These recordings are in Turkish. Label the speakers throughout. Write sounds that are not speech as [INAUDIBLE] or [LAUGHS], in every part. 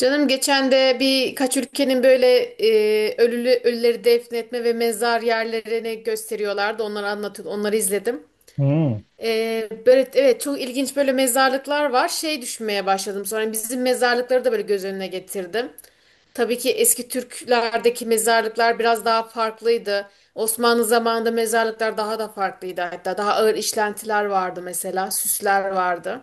Speaker 1: Canım geçen de birkaç ülkenin böyle ölüleri defnetme ve mezar yerlerini gösteriyorlardı. Onları anlatıyor, onları izledim.
Speaker 2: Hmm.
Speaker 1: Böyle evet, çok ilginç, böyle mezarlıklar var. Şey, düşünmeye başladım sonra, hani bizim mezarlıkları da böyle göz önüne getirdim. Tabii ki eski Türklerdeki mezarlıklar biraz daha farklıydı. Osmanlı zamanında mezarlıklar daha da farklıydı. Hatta daha ağır işlentiler vardı mesela, süsler vardı.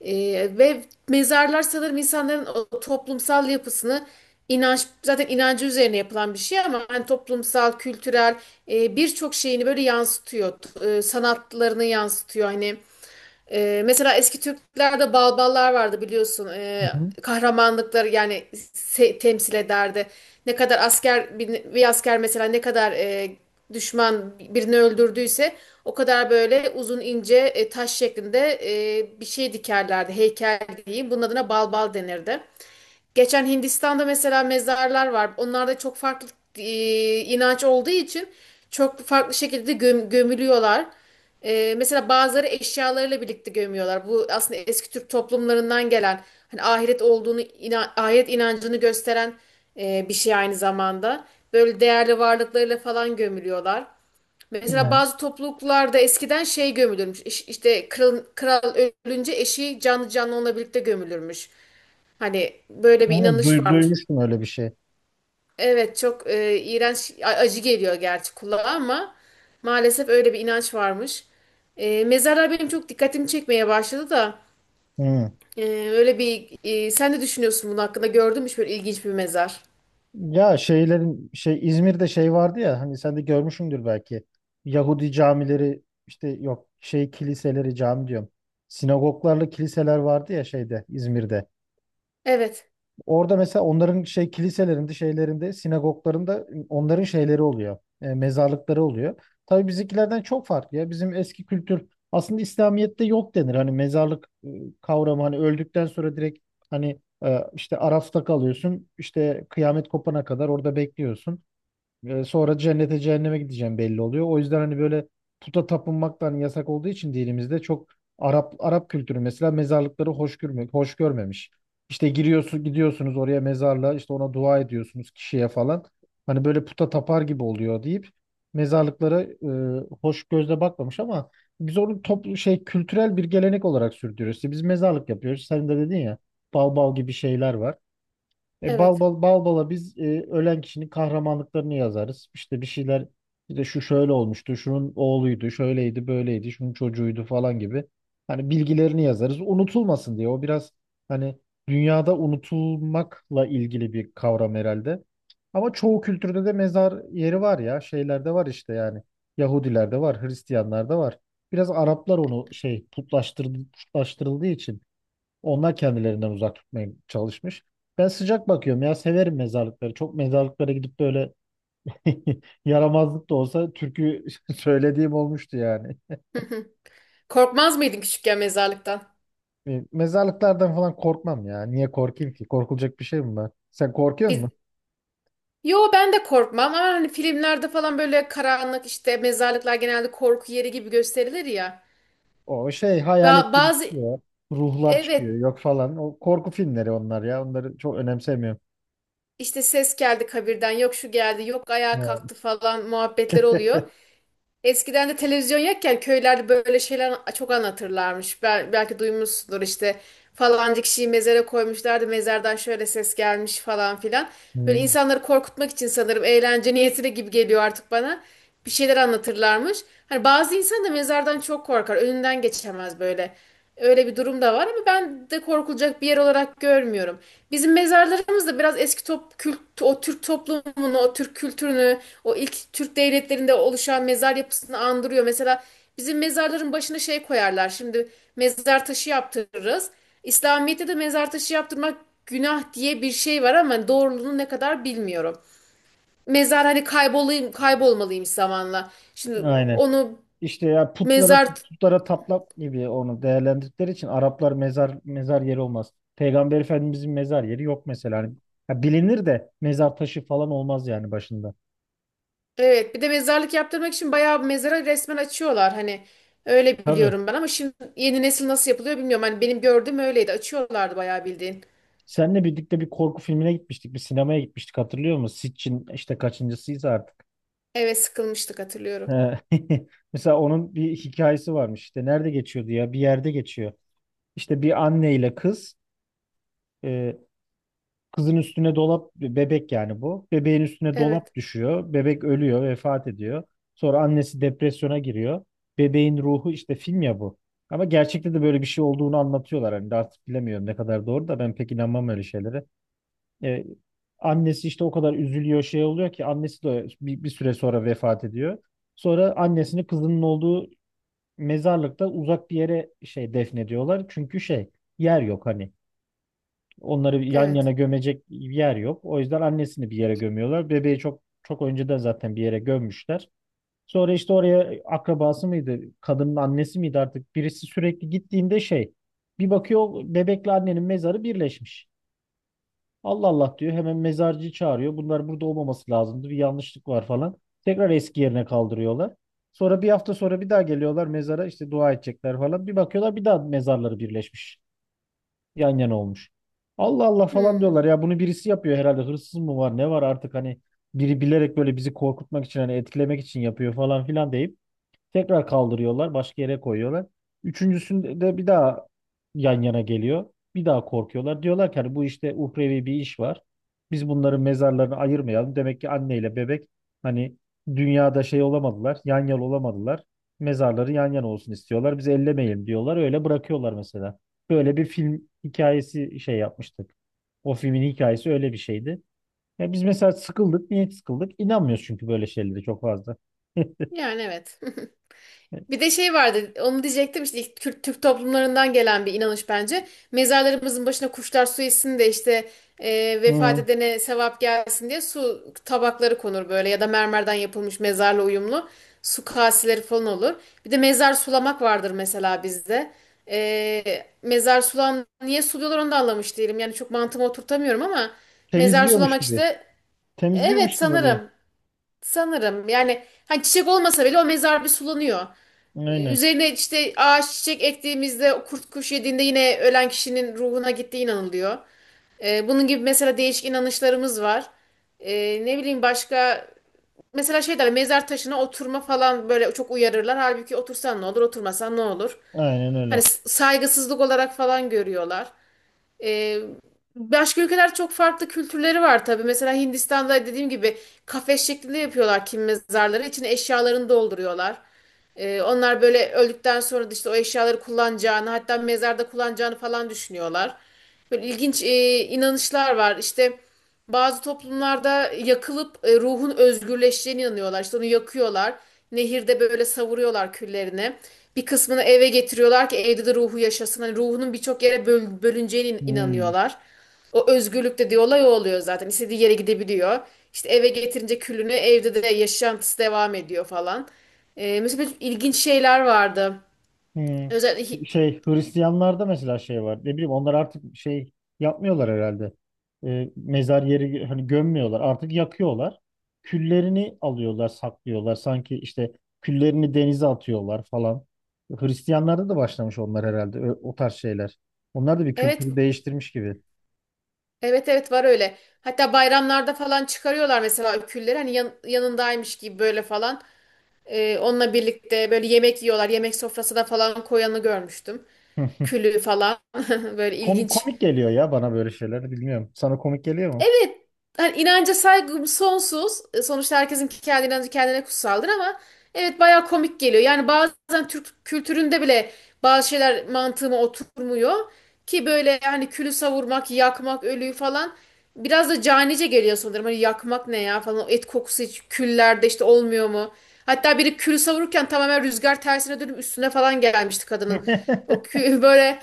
Speaker 1: Ve mezarlar sanırım insanların o toplumsal yapısını, inanç, zaten inancı üzerine yapılan bir şey ama hani toplumsal, kültürel birçok şeyini böyle yansıtıyor. Sanatlarını yansıtıyor hani. Mesela eski Türklerde balballar vardı, biliyorsun.
Speaker 2: Hı hı.
Speaker 1: Kahramanlıkları yani temsil ederdi. Ne kadar asker, bir asker mesela ne kadar düşman birini öldürdüyse o kadar böyle uzun ince taş şeklinde bir şey dikerlerdi. Heykel diyeyim. Bunun adına balbal denirdi. Geçen Hindistan'da mesela mezarlar var. Onlarda çok farklı e, inanç olduğu için çok farklı şekilde gömülüyorlar. E, mesela bazıları eşyalarıyla birlikte gömüyorlar. Bu aslında eski Türk toplumlarından gelen, hani ahiret inancını gösteren bir şey aynı zamanda. Böyle değerli varlıklarıyla falan gömülüyorlar. Mesela
Speaker 2: Yani,
Speaker 1: bazı topluluklarda eskiden şey gömülürmüş. İşte kral ölünce eşi canlı canlı onunla birlikte gömülürmüş. Hani böyle bir inanış varmış.
Speaker 2: duymuştum öyle bir şey.
Speaker 1: Evet, çok iğrenç, acı geliyor gerçi kulağa ama maalesef öyle bir inanç varmış. E, mezarlar benim çok dikkatimi çekmeye başladı da
Speaker 2: Hmm.
Speaker 1: e, öyle bir sen ne düşünüyorsun bunun hakkında? Gördün mü hiç böyle ilginç bir mezar?
Speaker 2: Ya şey İzmir'de şey vardı ya, hani sen de görmüşsündür belki. Yahudi camileri, işte yok şey kiliseleri, cami diyorum. Sinagoglarla kiliseler vardı ya şeyde, İzmir'de.
Speaker 1: Evet,
Speaker 2: Orada mesela onların şey kiliselerinde, şeylerinde, sinagoglarında onların şeyleri oluyor, mezarlıkları oluyor. Tabii bizimkilerden çok farklı ya. Bizim eski kültür aslında İslamiyet'te yok denir. Hani mezarlık kavramı, hani öldükten sonra direkt hani işte Araf'ta kalıyorsun, işte kıyamet kopana kadar orada bekliyorsun. E, sonra cennete cehenneme gideceğim belli oluyor. O yüzden hani böyle puta tapınmak da hani yasak olduğu için dinimizde çok Arap kültürü mesela mezarlıkları hoş görme, hoş görmemiş. İşte giriyorsun, gidiyorsunuz oraya mezarlığa, işte ona dua ediyorsunuz, kişiye falan. Hani böyle puta tapar gibi oluyor deyip mezarlıklara hoş gözle bakmamış, ama biz onu toplu şey kültürel bir gelenek olarak sürdürüyoruz. İşte biz mezarlık yapıyoruz. Sen de dedin ya, bal bal gibi şeyler var.
Speaker 1: evet.
Speaker 2: Bal bala biz ölen kişinin kahramanlıklarını yazarız. İşte bir şeyler, işte şu şöyle olmuştu, şunun oğluydu, şöyleydi, böyleydi, şunun çocuğuydu falan gibi. Hani bilgilerini yazarız, unutulmasın diye. O biraz hani dünyada unutulmakla ilgili bir kavram herhalde. Ama çoğu kültürde de mezar yeri var ya. Şeylerde var işte, yani. Yahudilerde var, Hristiyanlarda var. Biraz Araplar onu şey putlaştırdı, putlaştırıldığı için onlar kendilerinden uzak tutmaya çalışmış. Ben sıcak bakıyorum ya, severim mezarlıkları. Çok mezarlıklara gidip böyle [LAUGHS] yaramazlık da olsa türkü [LAUGHS] söylediğim olmuştu yani.
Speaker 1: [LAUGHS] Korkmaz mıydın küçükken mezarlıktan?
Speaker 2: E, mezarlıklardan falan korkmam ya. Niye korkayım ki? Korkulacak bir şey mi var? Sen korkuyor
Speaker 1: Biz,
Speaker 2: musun?
Speaker 1: yo ben de korkmam ama hani filmlerde falan böyle karanlık, işte mezarlıklar genelde korku yeri gibi gösterilir ya.
Speaker 2: O şey hayalet gibi
Speaker 1: Bazı,
Speaker 2: çıkıyor. Ruhlar çıkıyor,
Speaker 1: evet.
Speaker 2: yok falan. O korku filmleri onlar ya. Onları çok önemsemiyorum.
Speaker 1: İşte ses geldi kabirden, yok şu geldi, yok ayağa
Speaker 2: Evet.
Speaker 1: kalktı falan muhabbetler oluyor.
Speaker 2: [LAUGHS]
Speaker 1: Eskiden de televizyon yokken köylerde böyle şeyler çok anlatırlarmış. Belki duymuşsundur, işte falanca kişiyi mezara koymuşlardı. Mezardan şöyle ses gelmiş falan filan. Böyle
Speaker 2: Hı.
Speaker 1: insanları korkutmak için sanırım, eğlence niyetine gibi geliyor artık bana. Bir şeyler anlatırlarmış. Hani bazı insan da mezardan çok korkar. Önünden geçemez böyle. Öyle bir durum da var ama ben de korkulacak bir yer olarak görmüyorum. Bizim mezarlarımız da biraz eski o Türk toplumunu, o Türk kültürünü, o ilk Türk devletlerinde oluşan mezar yapısını andırıyor. Mesela bizim mezarların başına şey koyarlar. Şimdi mezar taşı yaptırırız. İslamiyet'te de mezar taşı yaptırmak günah diye bir şey var ama doğruluğunu ne kadar bilmiyorum. Mezar, hani kaybolmalıymış zamanla. Şimdi
Speaker 2: Aynen.
Speaker 1: onu
Speaker 2: İşte ya
Speaker 1: mezar,
Speaker 2: putlara tapmak gibi onu değerlendirdikleri için Araplar mezar yeri olmaz. Peygamber Efendimizin mezar yeri yok mesela. Hani, ha bilinir de mezar taşı falan olmaz yani başında.
Speaker 1: evet. Bir de mezarlık yaptırmak için bayağı bir mezara resmen açıyorlar, hani öyle
Speaker 2: Tabii.
Speaker 1: biliyorum ben ama şimdi yeni nesil nasıl yapılıyor bilmiyorum. Hani benim gördüğüm öyleydi. Açıyorlardı bayağı bildiğin.
Speaker 2: Seninle birlikte bir korku filmine gitmiştik. Bir sinemaya gitmiştik, hatırlıyor musun? Sitchin işte, kaçıncısıyız artık.
Speaker 1: Evet, sıkılmıştık, hatırlıyorum.
Speaker 2: He. [LAUGHS] Mesela onun bir hikayesi varmış. İşte nerede geçiyordu ya? Bir yerde geçiyor. İşte bir anne ile kız, e, kızın üstüne dolap, bebek yani bu. Bebeğin üstüne dolap
Speaker 1: Evet.
Speaker 2: düşüyor. Bebek ölüyor, vefat ediyor. Sonra annesi depresyona giriyor. Bebeğin ruhu, işte film ya bu. Ama gerçekte de böyle bir şey olduğunu anlatıyorlar. Hani de artık bilemiyorum ne kadar doğru, da ben pek inanmam öyle şeylere. Ee, Annesi işte o kadar üzülüyor şey oluyor ki, annesi de bir süre sonra vefat ediyor. Sonra annesini, kızının olduğu mezarlıkta uzak bir yere şey defnediyorlar. Çünkü şey, yer yok hani. Onları yan yana
Speaker 1: Evet.
Speaker 2: gömecek bir yer yok. O yüzden annesini bir yere gömüyorlar. Bebeği çok çok önceden zaten bir yere gömmüşler. Sonra işte oraya akrabası mıydı, kadının annesi miydi artık, birisi sürekli gittiğinde şey, bir bakıyor bebekle annenin mezarı birleşmiş. Allah Allah diyor, hemen mezarcıyı çağırıyor. Bunlar burada olmaması lazımdı, bir yanlışlık var falan. Tekrar eski yerine kaldırıyorlar. Sonra bir hafta sonra bir daha geliyorlar mezara, işte dua edecekler falan. Bir bakıyorlar, bir daha mezarları birleşmiş, yan yana olmuş. Allah Allah falan
Speaker 1: Hmm.
Speaker 2: diyorlar ya, bunu birisi yapıyor herhalde, hırsız mı var ne var artık, hani biri bilerek böyle bizi korkutmak için, hani etkilemek için yapıyor falan filan deyip tekrar kaldırıyorlar, başka yere koyuyorlar. Üçüncüsünde de bir daha yan yana geliyor. Bir daha korkuyorlar. Diyorlar ki, hani bu işte uhrevi bir iş var. Biz bunların mezarlarını ayırmayalım. Demek ki anneyle bebek hani dünyada şey olamadılar, yan yana olamadılar. Mezarları yan yana olsun istiyorlar. Biz ellemeyelim diyorlar. Öyle bırakıyorlar mesela. Böyle bir film hikayesi şey yapmıştık. O filmin hikayesi öyle bir şeydi. Ya biz mesela sıkıldık. Niye sıkıldık? İnanmıyoruz çünkü böyle şeylere çok fazla. [LAUGHS]
Speaker 1: Yani evet. Bir de şey vardı, onu diyecektim, işte ilk Kürt Türk toplumlarından gelen bir inanış bence. Mezarlarımızın başına kuşlar su içsin de işte vefat
Speaker 2: Hı.
Speaker 1: edene sevap gelsin diye su tabakları konur böyle, ya da mermerden yapılmış mezarla uyumlu su kaseleri falan olur. Bir de mezar sulamak vardır mesela bizde. E, mezar sulan niye suluyorlar onu da anlamış değilim. Yani çok mantığıma oturtamıyorum ama mezar
Speaker 2: Temizliyormuş
Speaker 1: sulamak
Speaker 2: gibi.
Speaker 1: işte,
Speaker 2: Temizliyormuş
Speaker 1: evet
Speaker 2: gibi oluyor.
Speaker 1: sanırım, sanırım yani, hani çiçek olmasa bile o mezar bir sulanıyor.
Speaker 2: Aynen.
Speaker 1: Üzerine işte ağaç çiçek ektiğimizde kurt kuş yediğinde yine ölen kişinin ruhuna gittiği inanılıyor. Bunun gibi mesela değişik inanışlarımız var. Ne bileyim, başka mesela şey derler, mezar taşına oturma falan, böyle çok uyarırlar. Halbuki otursan ne olur, oturmasan ne olur.
Speaker 2: Aynen
Speaker 1: Hani
Speaker 2: öyle.
Speaker 1: saygısızlık olarak falan görüyorlar. Ee, başka ülkeler, çok farklı kültürleri var tabii. Mesela Hindistan'da dediğim gibi kafes şeklinde yapıyorlar kim mezarları. İçine eşyalarını dolduruyorlar. Onlar böyle öldükten sonra da işte o eşyaları kullanacağını, hatta mezarda kullanacağını falan düşünüyorlar. Böyle ilginç inanışlar var. İşte bazı toplumlarda yakılıp ruhun özgürleşeceğine inanıyorlar. İşte onu yakıyorlar. Nehirde böyle savuruyorlar küllerini. Bir kısmını eve getiriyorlar ki evde de ruhu yaşasın. Hani ruhunun birçok yere bölüneceğine
Speaker 2: Hmm.
Speaker 1: inanıyorlar. O özgürlük dediği olay o oluyor zaten. İstediği yere gidebiliyor. İşte eve getirince külünü evde de yaşantısı devam ediyor falan. Mesela böyle ilginç şeyler vardı.
Speaker 2: Hmm.
Speaker 1: Özellikle
Speaker 2: Şey Hristiyanlarda mesela şey var. Ne bileyim, onlar artık şey yapmıyorlar herhalde. Mezar yeri hani gömmüyorlar, artık yakıyorlar. Küllerini alıyorlar, saklıyorlar. Sanki işte küllerini denize atıyorlar falan. Hristiyanlarda da başlamış onlar herhalde, o tarz şeyler. Onlar da bir
Speaker 1: evet,
Speaker 2: kültürü değiştirmiş gibi.
Speaker 1: evet var öyle. Hatta bayramlarda falan çıkarıyorlar mesela külleri, hani yanındaymış gibi böyle falan. Onunla birlikte böyle yemek yiyorlar. Yemek sofrasına falan koyanı görmüştüm.
Speaker 2: [LAUGHS]
Speaker 1: Külü falan, [LAUGHS] böyle
Speaker 2: Komik,
Speaker 1: ilginç.
Speaker 2: komik geliyor ya bana böyle şeyler. Bilmiyorum. Sana komik geliyor mu?
Speaker 1: Evet, hani inanca saygım sonsuz. E, sonuçta herkesin kendi inancı kendine kutsaldır ama evet, bayağı komik geliyor. Yani bazen Türk kültüründe bile bazı şeyler mantığıma oturmuyor ki, böyle hani külü savurmak, yakmak, ölüyü falan biraz da canice geliyor sanırım. Hani yakmak ne ya falan, o et kokusu hiç küllerde işte olmuyor mu? Hatta biri külü savururken tamamen rüzgar tersine dönüp üstüne falan gelmişti kadının.
Speaker 2: [LAUGHS]
Speaker 1: O kü [LAUGHS] böyle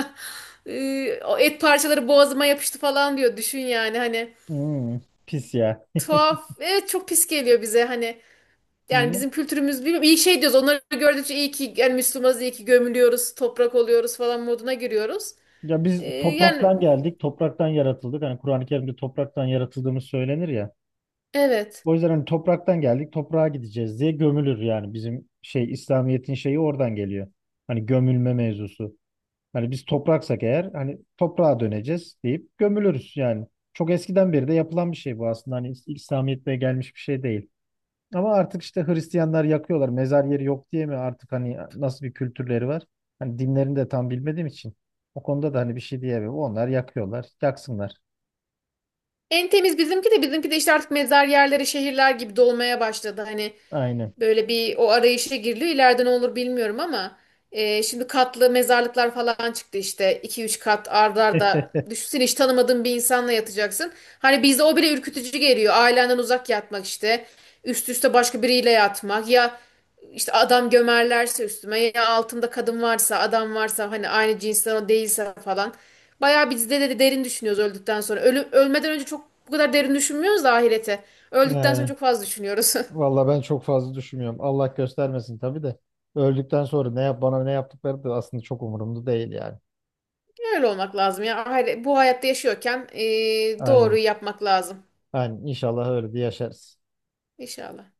Speaker 1: [LAUGHS] O et parçaları boğazıma yapıştı falan diyor. Düşün yani, hani
Speaker 2: Hmm, pis ya. [LAUGHS]
Speaker 1: tuhaf. Evet, çok pis geliyor bize hani. Yani
Speaker 2: Hmm.
Speaker 1: bizim kültürümüz, bilmiyorum. İyi şey diyoruz. Onları gördükçe iyi ki yani Müslümanız, iyi ki gömülüyoruz, toprak oluyoruz falan moduna giriyoruz.
Speaker 2: Ya biz
Speaker 1: Yani
Speaker 2: topraktan geldik, topraktan yaratıldık. Hani Kur'an-ı Kerim'de topraktan yaratıldığımız söylenir ya.
Speaker 1: evet.
Speaker 2: O yüzden hani topraktan geldik, toprağa gideceğiz diye gömülür yani, bizim şey İslamiyet'in şeyi oradan geliyor. Hani gömülme mevzusu. Hani biz topraksak eğer, hani toprağa döneceğiz deyip gömülürüz yani. Çok eskiden beri de yapılan bir şey bu aslında. Hani İslamiyet'te gelmiş bir şey değil. Ama artık işte Hristiyanlar yakıyorlar. Mezar yeri yok diye mi artık, hani nasıl bir kültürleri var? Hani dinlerini de tam bilmediğim için, o konuda da hani bir şey diyemem. Onlar yakıyorlar, yaksınlar.
Speaker 1: En temiz bizimki de, bizimki de işte artık mezar yerleri şehirler gibi dolmaya başladı. Hani
Speaker 2: Aynen.
Speaker 1: böyle bir o arayışa giriliyor. İleride ne olur bilmiyorum ama şimdi katlı mezarlıklar falan çıktı işte. İki üç kat arda. Düşünsene hiç tanımadığın bir insanla yatacaksın. Hani bizde o bile ürkütücü geliyor. Ailenden uzak yatmak işte. Üst üste başka biriyle yatmak. Ya işte adam gömerlerse üstüme, ya altımda kadın varsa, adam varsa, hani aynı cinsten o değilse falan. Bayağı biz de derin düşünüyoruz öldükten sonra. Ölmeden önce çok bu kadar derin düşünmüyoruz da, ahirete öldükten sonra
Speaker 2: Yani
Speaker 1: çok fazla düşünüyoruz. [LAUGHS]
Speaker 2: valla ben çok fazla düşünmüyorum. Allah göstermesin tabii de. Öldükten sonra ne yap bana ne yaptıkları da aslında çok umurumda değil yani.
Speaker 1: Öyle olmak lazım ya. Hayır, bu hayatta yaşıyorken
Speaker 2: Aynen.
Speaker 1: doğruyu yapmak lazım.
Speaker 2: Yani inşallah öyle bir yaşarız.
Speaker 1: İnşallah.